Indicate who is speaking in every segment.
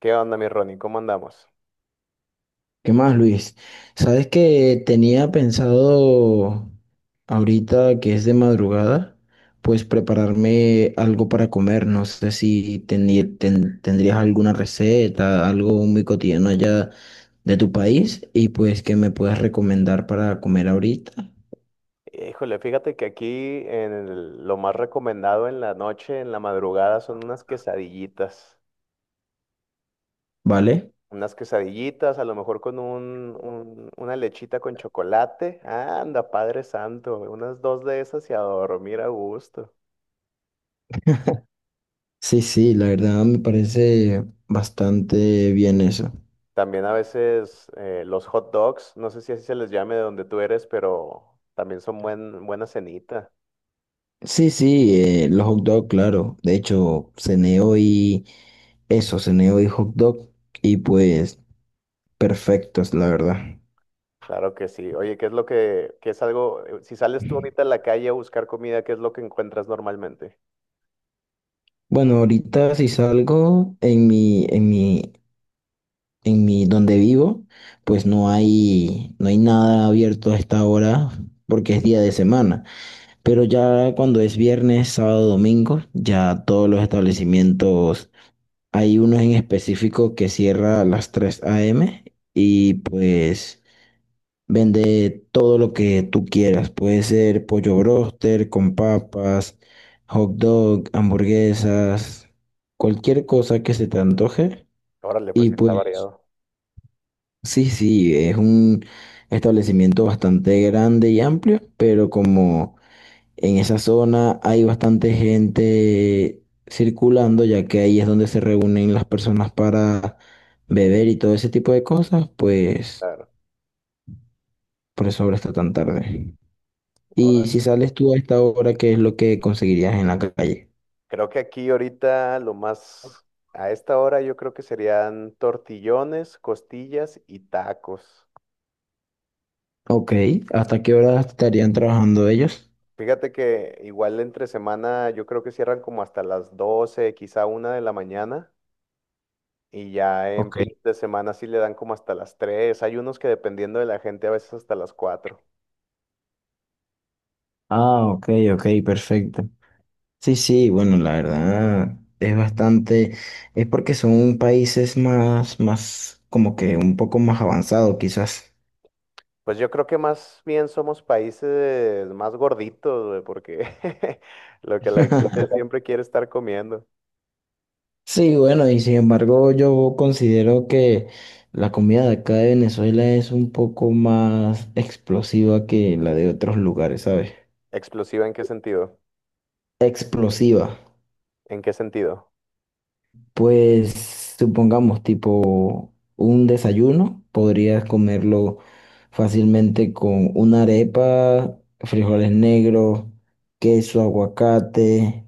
Speaker 1: ¿Qué onda, mi Ronnie? ¿Cómo andamos?
Speaker 2: ¿Qué más, Luis? Sabes que tenía pensado ahorita que es de madrugada, pues prepararme algo para comer. No sé si tendrías alguna receta, algo muy cotidiano allá de tu país y pues que me puedas recomendar para comer ahorita,
Speaker 1: Híjole, fíjate que aquí lo más recomendado en la noche, en la madrugada, son unas quesadillitas.
Speaker 2: ¿vale?
Speaker 1: Unas quesadillitas, a lo mejor con una lechita con chocolate. Anda, Padre Santo, unas dos de esas y a dormir a gusto.
Speaker 2: Sí, sí, la verdad me parece bastante bien eso.
Speaker 1: También a veces los hot dogs, no sé si así se les llame de donde tú eres, pero también son buena cenita.
Speaker 2: Sí, sí, los hot dog, claro. De hecho, cené hoy eso, cené hoy hot dog y pues perfectos, la verdad.
Speaker 1: Claro que sí. Oye, qué es algo, si sales tú ahorita a la calle a buscar comida, ¿qué es lo que encuentras normalmente?
Speaker 2: Bueno, ahorita si salgo en mi donde vivo, pues no hay nada abierto a esta hora porque es día de semana. Pero ya cuando es viernes, sábado, domingo, ya todos los establecimientos, hay uno en específico que cierra a las 3 a.m. y pues vende todo lo que tú quieras. Puede ser pollo broster con papas, hot dog, hamburguesas, cualquier cosa que se te antoje.
Speaker 1: Órale, pues
Speaker 2: Y
Speaker 1: sí está
Speaker 2: pues,
Speaker 1: variado.
Speaker 2: sí, sí, es un establecimiento bastante grande y amplio, pero como en esa zona hay bastante gente circulando, ya que ahí es donde se reúnen las personas para beber y todo ese tipo de cosas, pues
Speaker 1: Claro.
Speaker 2: por eso ahora está tan tarde. Y si
Speaker 1: Órale.
Speaker 2: sales tú a esta hora, ¿qué es lo que conseguirías en la calle?
Speaker 1: Creo que aquí ahorita lo más, a esta hora yo creo que serían tortillones, costillas y tacos.
Speaker 2: Ok, ¿hasta qué hora estarían trabajando ellos?
Speaker 1: Fíjate que igual entre semana yo creo que cierran como hasta las 12, quizá 1 de la mañana. Y ya en
Speaker 2: Ok.
Speaker 1: fin de semana sí le dan como hasta las 3. Hay unos que dependiendo de la gente a veces hasta las 4.
Speaker 2: Ah, ok, ok, perfecto. Sí, sí, bueno, la verdad es bastante, es porque son países más, más, como que un poco más avanzados quizás.
Speaker 1: Pues yo creo que más bien somos países más gorditos, güey, porque lo que la gente siempre quiere estar comiendo.
Speaker 2: Sí, bueno, y sin embargo yo considero que la comida de acá de Venezuela es un poco más explosiva que la de otros lugares, ¿sabes?
Speaker 1: ¿Explosiva en qué sentido?
Speaker 2: Explosiva.
Speaker 1: ¿En qué sentido?
Speaker 2: Pues supongamos tipo un desayuno, podrías comerlo fácilmente con una arepa, frijoles negros, queso, aguacate,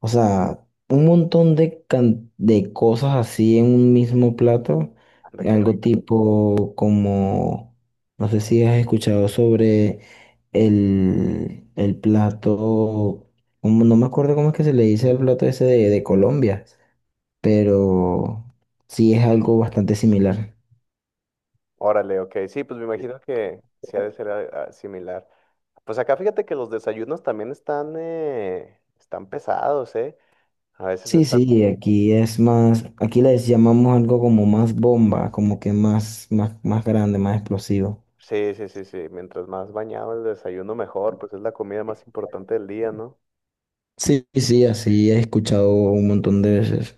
Speaker 2: o sea, un montón de, de cosas así en un mismo plato,
Speaker 1: Anda, qué
Speaker 2: algo
Speaker 1: rico.
Speaker 2: tipo como, no sé si has escuchado sobre el plato, como- no me acuerdo cómo es que se le dice el plato ese de Colombia pero sí es algo bastante similar.
Speaker 1: Órale, ok. Sí, pues me imagino que sí ha de ser similar. Pues acá fíjate que los desayunos también están pesados, ¿eh? A veces
Speaker 2: Sí,
Speaker 1: está...
Speaker 2: sí, aquí es más, aquí les llamamos algo como más bomba, como que más, más, más grande, más explosivo.
Speaker 1: Sí, sí, sí, sí. Mientras más bañado el desayuno, mejor. Pues es la comida más importante del día, ¿no?
Speaker 2: Sí, sí, así he escuchado un montón de veces.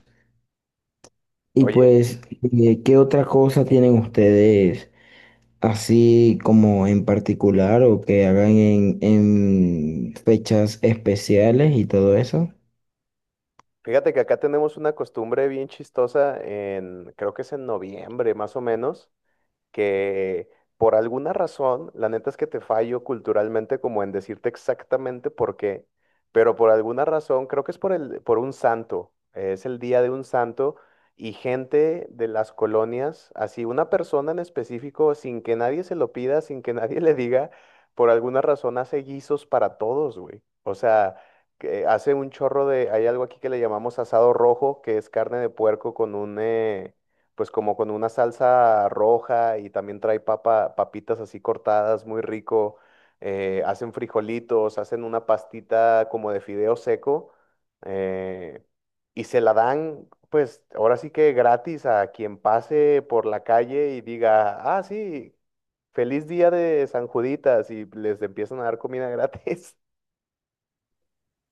Speaker 2: Y
Speaker 1: Oye.
Speaker 2: pues, ¿qué otra cosa tienen ustedes así como en particular o que hagan en fechas especiales y todo eso?
Speaker 1: Fíjate que acá tenemos una costumbre bien chistosa creo que es en noviembre más o menos, que por alguna razón, la neta es que te fallo culturalmente como en decirte exactamente por qué, pero por alguna razón, creo que es por un santo, es el día de un santo y gente de las colonias, así una persona en específico, sin que nadie se lo pida, sin que nadie le diga, por alguna razón hace guisos para todos, güey. O sea, que hace un chorro de, hay algo aquí que le llamamos asado rojo, que es carne de puerco con un... pues como con una salsa roja y también trae papitas así cortadas, muy rico. Hacen frijolitos, hacen una pastita como de fideo seco eh, y se la dan, pues ahora sí que gratis a quien pase por la calle y diga, ah, sí, feliz día de San Juditas y les empiezan a dar comida gratis.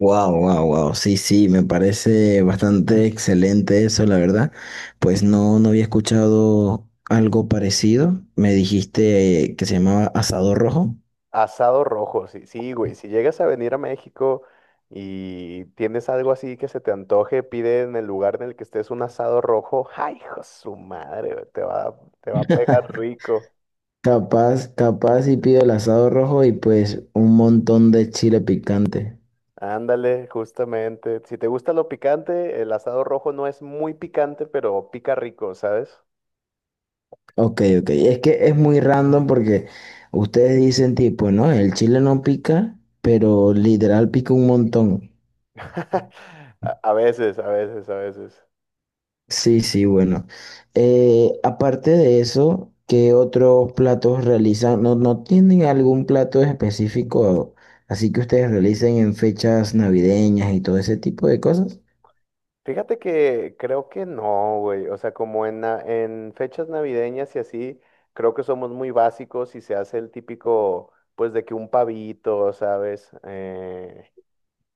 Speaker 2: Wow, wow, wow. Sí, sí, me parece bastante excelente eso, la verdad. Pues no, no había escuchado algo parecido. Me dijiste que se llamaba asado rojo.
Speaker 1: Asado rojo, sí, sí, güey. Si llegas a venir a México y tienes algo así que se te antoje, pide en el lugar en el que estés un asado rojo. ¡Ay, hijo de su madre! Güey, te va a pegar rico.
Speaker 2: Capaz, capaz y pido el asado rojo y pues un montón de chile picante.
Speaker 1: Ándale, justamente. Si te gusta lo picante, el asado rojo no es muy picante, pero pica rico, ¿sabes?
Speaker 2: Ok, ok. Es que es muy random porque ustedes dicen tipo, no, el chile no pica, pero literal pica un montón.
Speaker 1: A veces, a veces, a veces.
Speaker 2: Sí, sí, bueno. Aparte de eso, ¿qué otros platos realizan? ¿No, no tienen algún plato específico así que ustedes realicen en fechas navideñas y todo ese tipo de cosas?
Speaker 1: Fíjate que creo que no, güey. O sea, como en fechas navideñas y así, creo que somos muy básicos y se hace el típico, pues, de que un pavito, ¿sabes? Eh,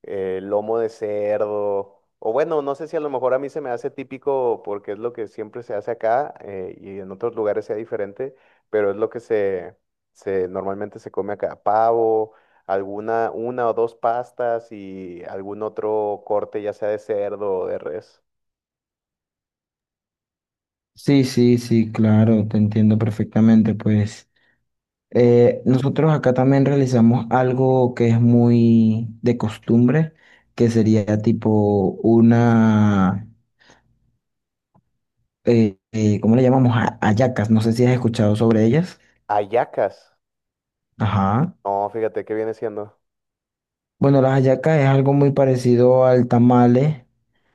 Speaker 1: eh, Lomo de cerdo. O bueno, no sé si a lo mejor a mí se me hace típico porque es lo que siempre se hace acá y en otros lugares sea diferente, pero es lo que se normalmente se come acá. Pavo una o dos pastas y algún otro corte, ya sea de cerdo o de res.
Speaker 2: Sí, sí, sí, claro, te entiendo perfectamente. Pues nosotros acá también realizamos algo que es muy de costumbre, que sería tipo una, ¿cómo le llamamos? Hallacas, no sé si has escuchado sobre ellas.
Speaker 1: Ayacas.
Speaker 2: Ajá.
Speaker 1: No, fíjate, ¿qué viene siendo?
Speaker 2: Bueno, las hallacas es algo muy parecido al tamale,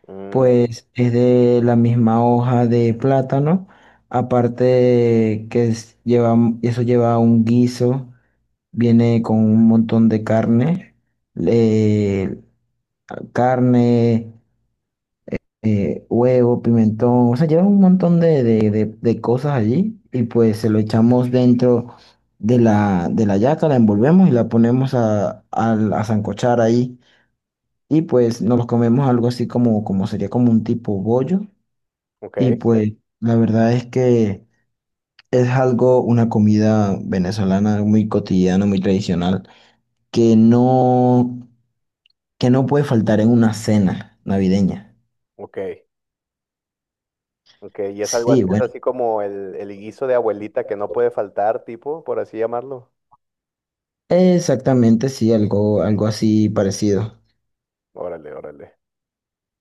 Speaker 1: Mm,
Speaker 2: pues es de la misma hoja de plátano, aparte que lleva, eso lleva un guiso, viene con un montón de carne, eh, carne, huevo, pimentón, o sea, lleva un montón de, de cosas allí y pues se lo echamos dentro de la hallaca, la envolvemos y la ponemos a sancochar ahí y pues nos los comemos algo así como, como sería como un tipo bollo
Speaker 1: ok,
Speaker 2: y pues la verdad es que es algo, una comida venezolana muy cotidiana, muy tradicional, que no, que no puede faltar en una cena navideña.
Speaker 1: ok, ok. Y es algo así,
Speaker 2: Sí,
Speaker 1: es
Speaker 2: bueno,
Speaker 1: así como el guiso de abuelita que no puede faltar, tipo, por así llamarlo.
Speaker 2: exactamente, sí, algo, algo así parecido.
Speaker 1: Órale, órale.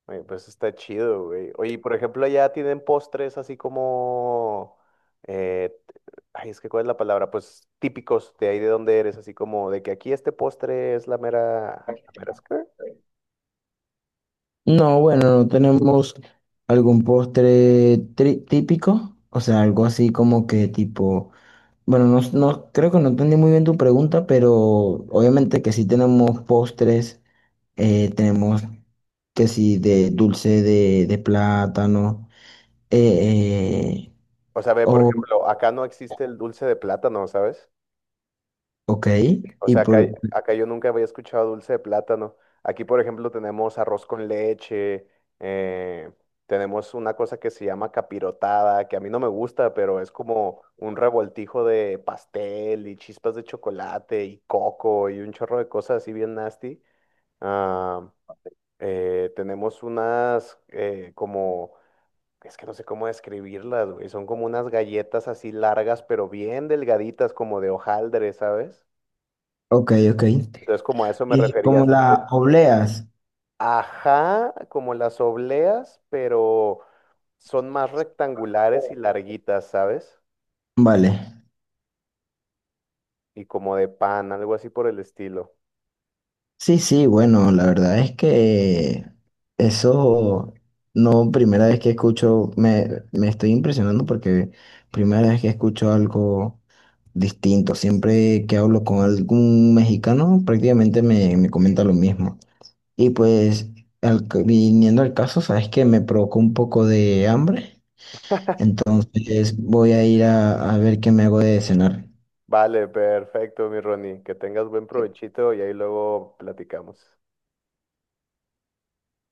Speaker 1: Oye, pues está chido, güey. Oye, y por ejemplo, allá tienen postres así como... eh, ay, es que ¿cuál es la palabra? Pues típicos de ahí de donde eres, así como de que aquí este postre es la mera... ¿La mera es qué?
Speaker 2: No, bueno, no tenemos algún postre típico, o sea, algo así como que tipo. Bueno, creo que no entendí muy bien tu pregunta, pero obviamente que sí tenemos postres, tenemos que sí de dulce de plátano, eh, eh,
Speaker 1: O sea, ve, por
Speaker 2: o,
Speaker 1: ejemplo, acá no existe el dulce de plátano, ¿sabes?
Speaker 2: ok,
Speaker 1: O
Speaker 2: y
Speaker 1: sea,
Speaker 2: por,
Speaker 1: acá yo nunca había escuchado dulce de plátano. Aquí, por ejemplo, tenemos arroz con leche, eh, tenemos una cosa que se llama capirotada, que a mí no me gusta, pero es como un revoltijo de pastel y chispas de chocolate y coco y un chorro de cosas así bien nasty. Ah, tenemos unas es que no sé cómo describirlas, güey. Son como unas galletas así largas, pero bien delgaditas, como de hojaldre, ¿sabes?
Speaker 2: ok, ok,
Speaker 1: Entonces, como a eso me
Speaker 2: y
Speaker 1: refería.
Speaker 2: como las
Speaker 1: Así
Speaker 2: obleas,
Speaker 1: Ajá, como las obleas, pero son más rectangulares y larguitas, ¿sabes?
Speaker 2: vale.
Speaker 1: Y como de pan, algo así por el estilo.
Speaker 2: Sí, sí, bueno, la verdad es que eso no, primera vez que escucho, me estoy impresionando porque primera vez que escucho algo distinto. Siempre que hablo con algún mexicano, prácticamente me, me comenta lo mismo. Y pues, viniendo al caso, sabes que me provocó un poco de hambre. Entonces voy a ir a ver qué me hago de cenar.
Speaker 1: Vale, perfecto, mi Ronnie. Que tengas buen provechito y ahí luego platicamos.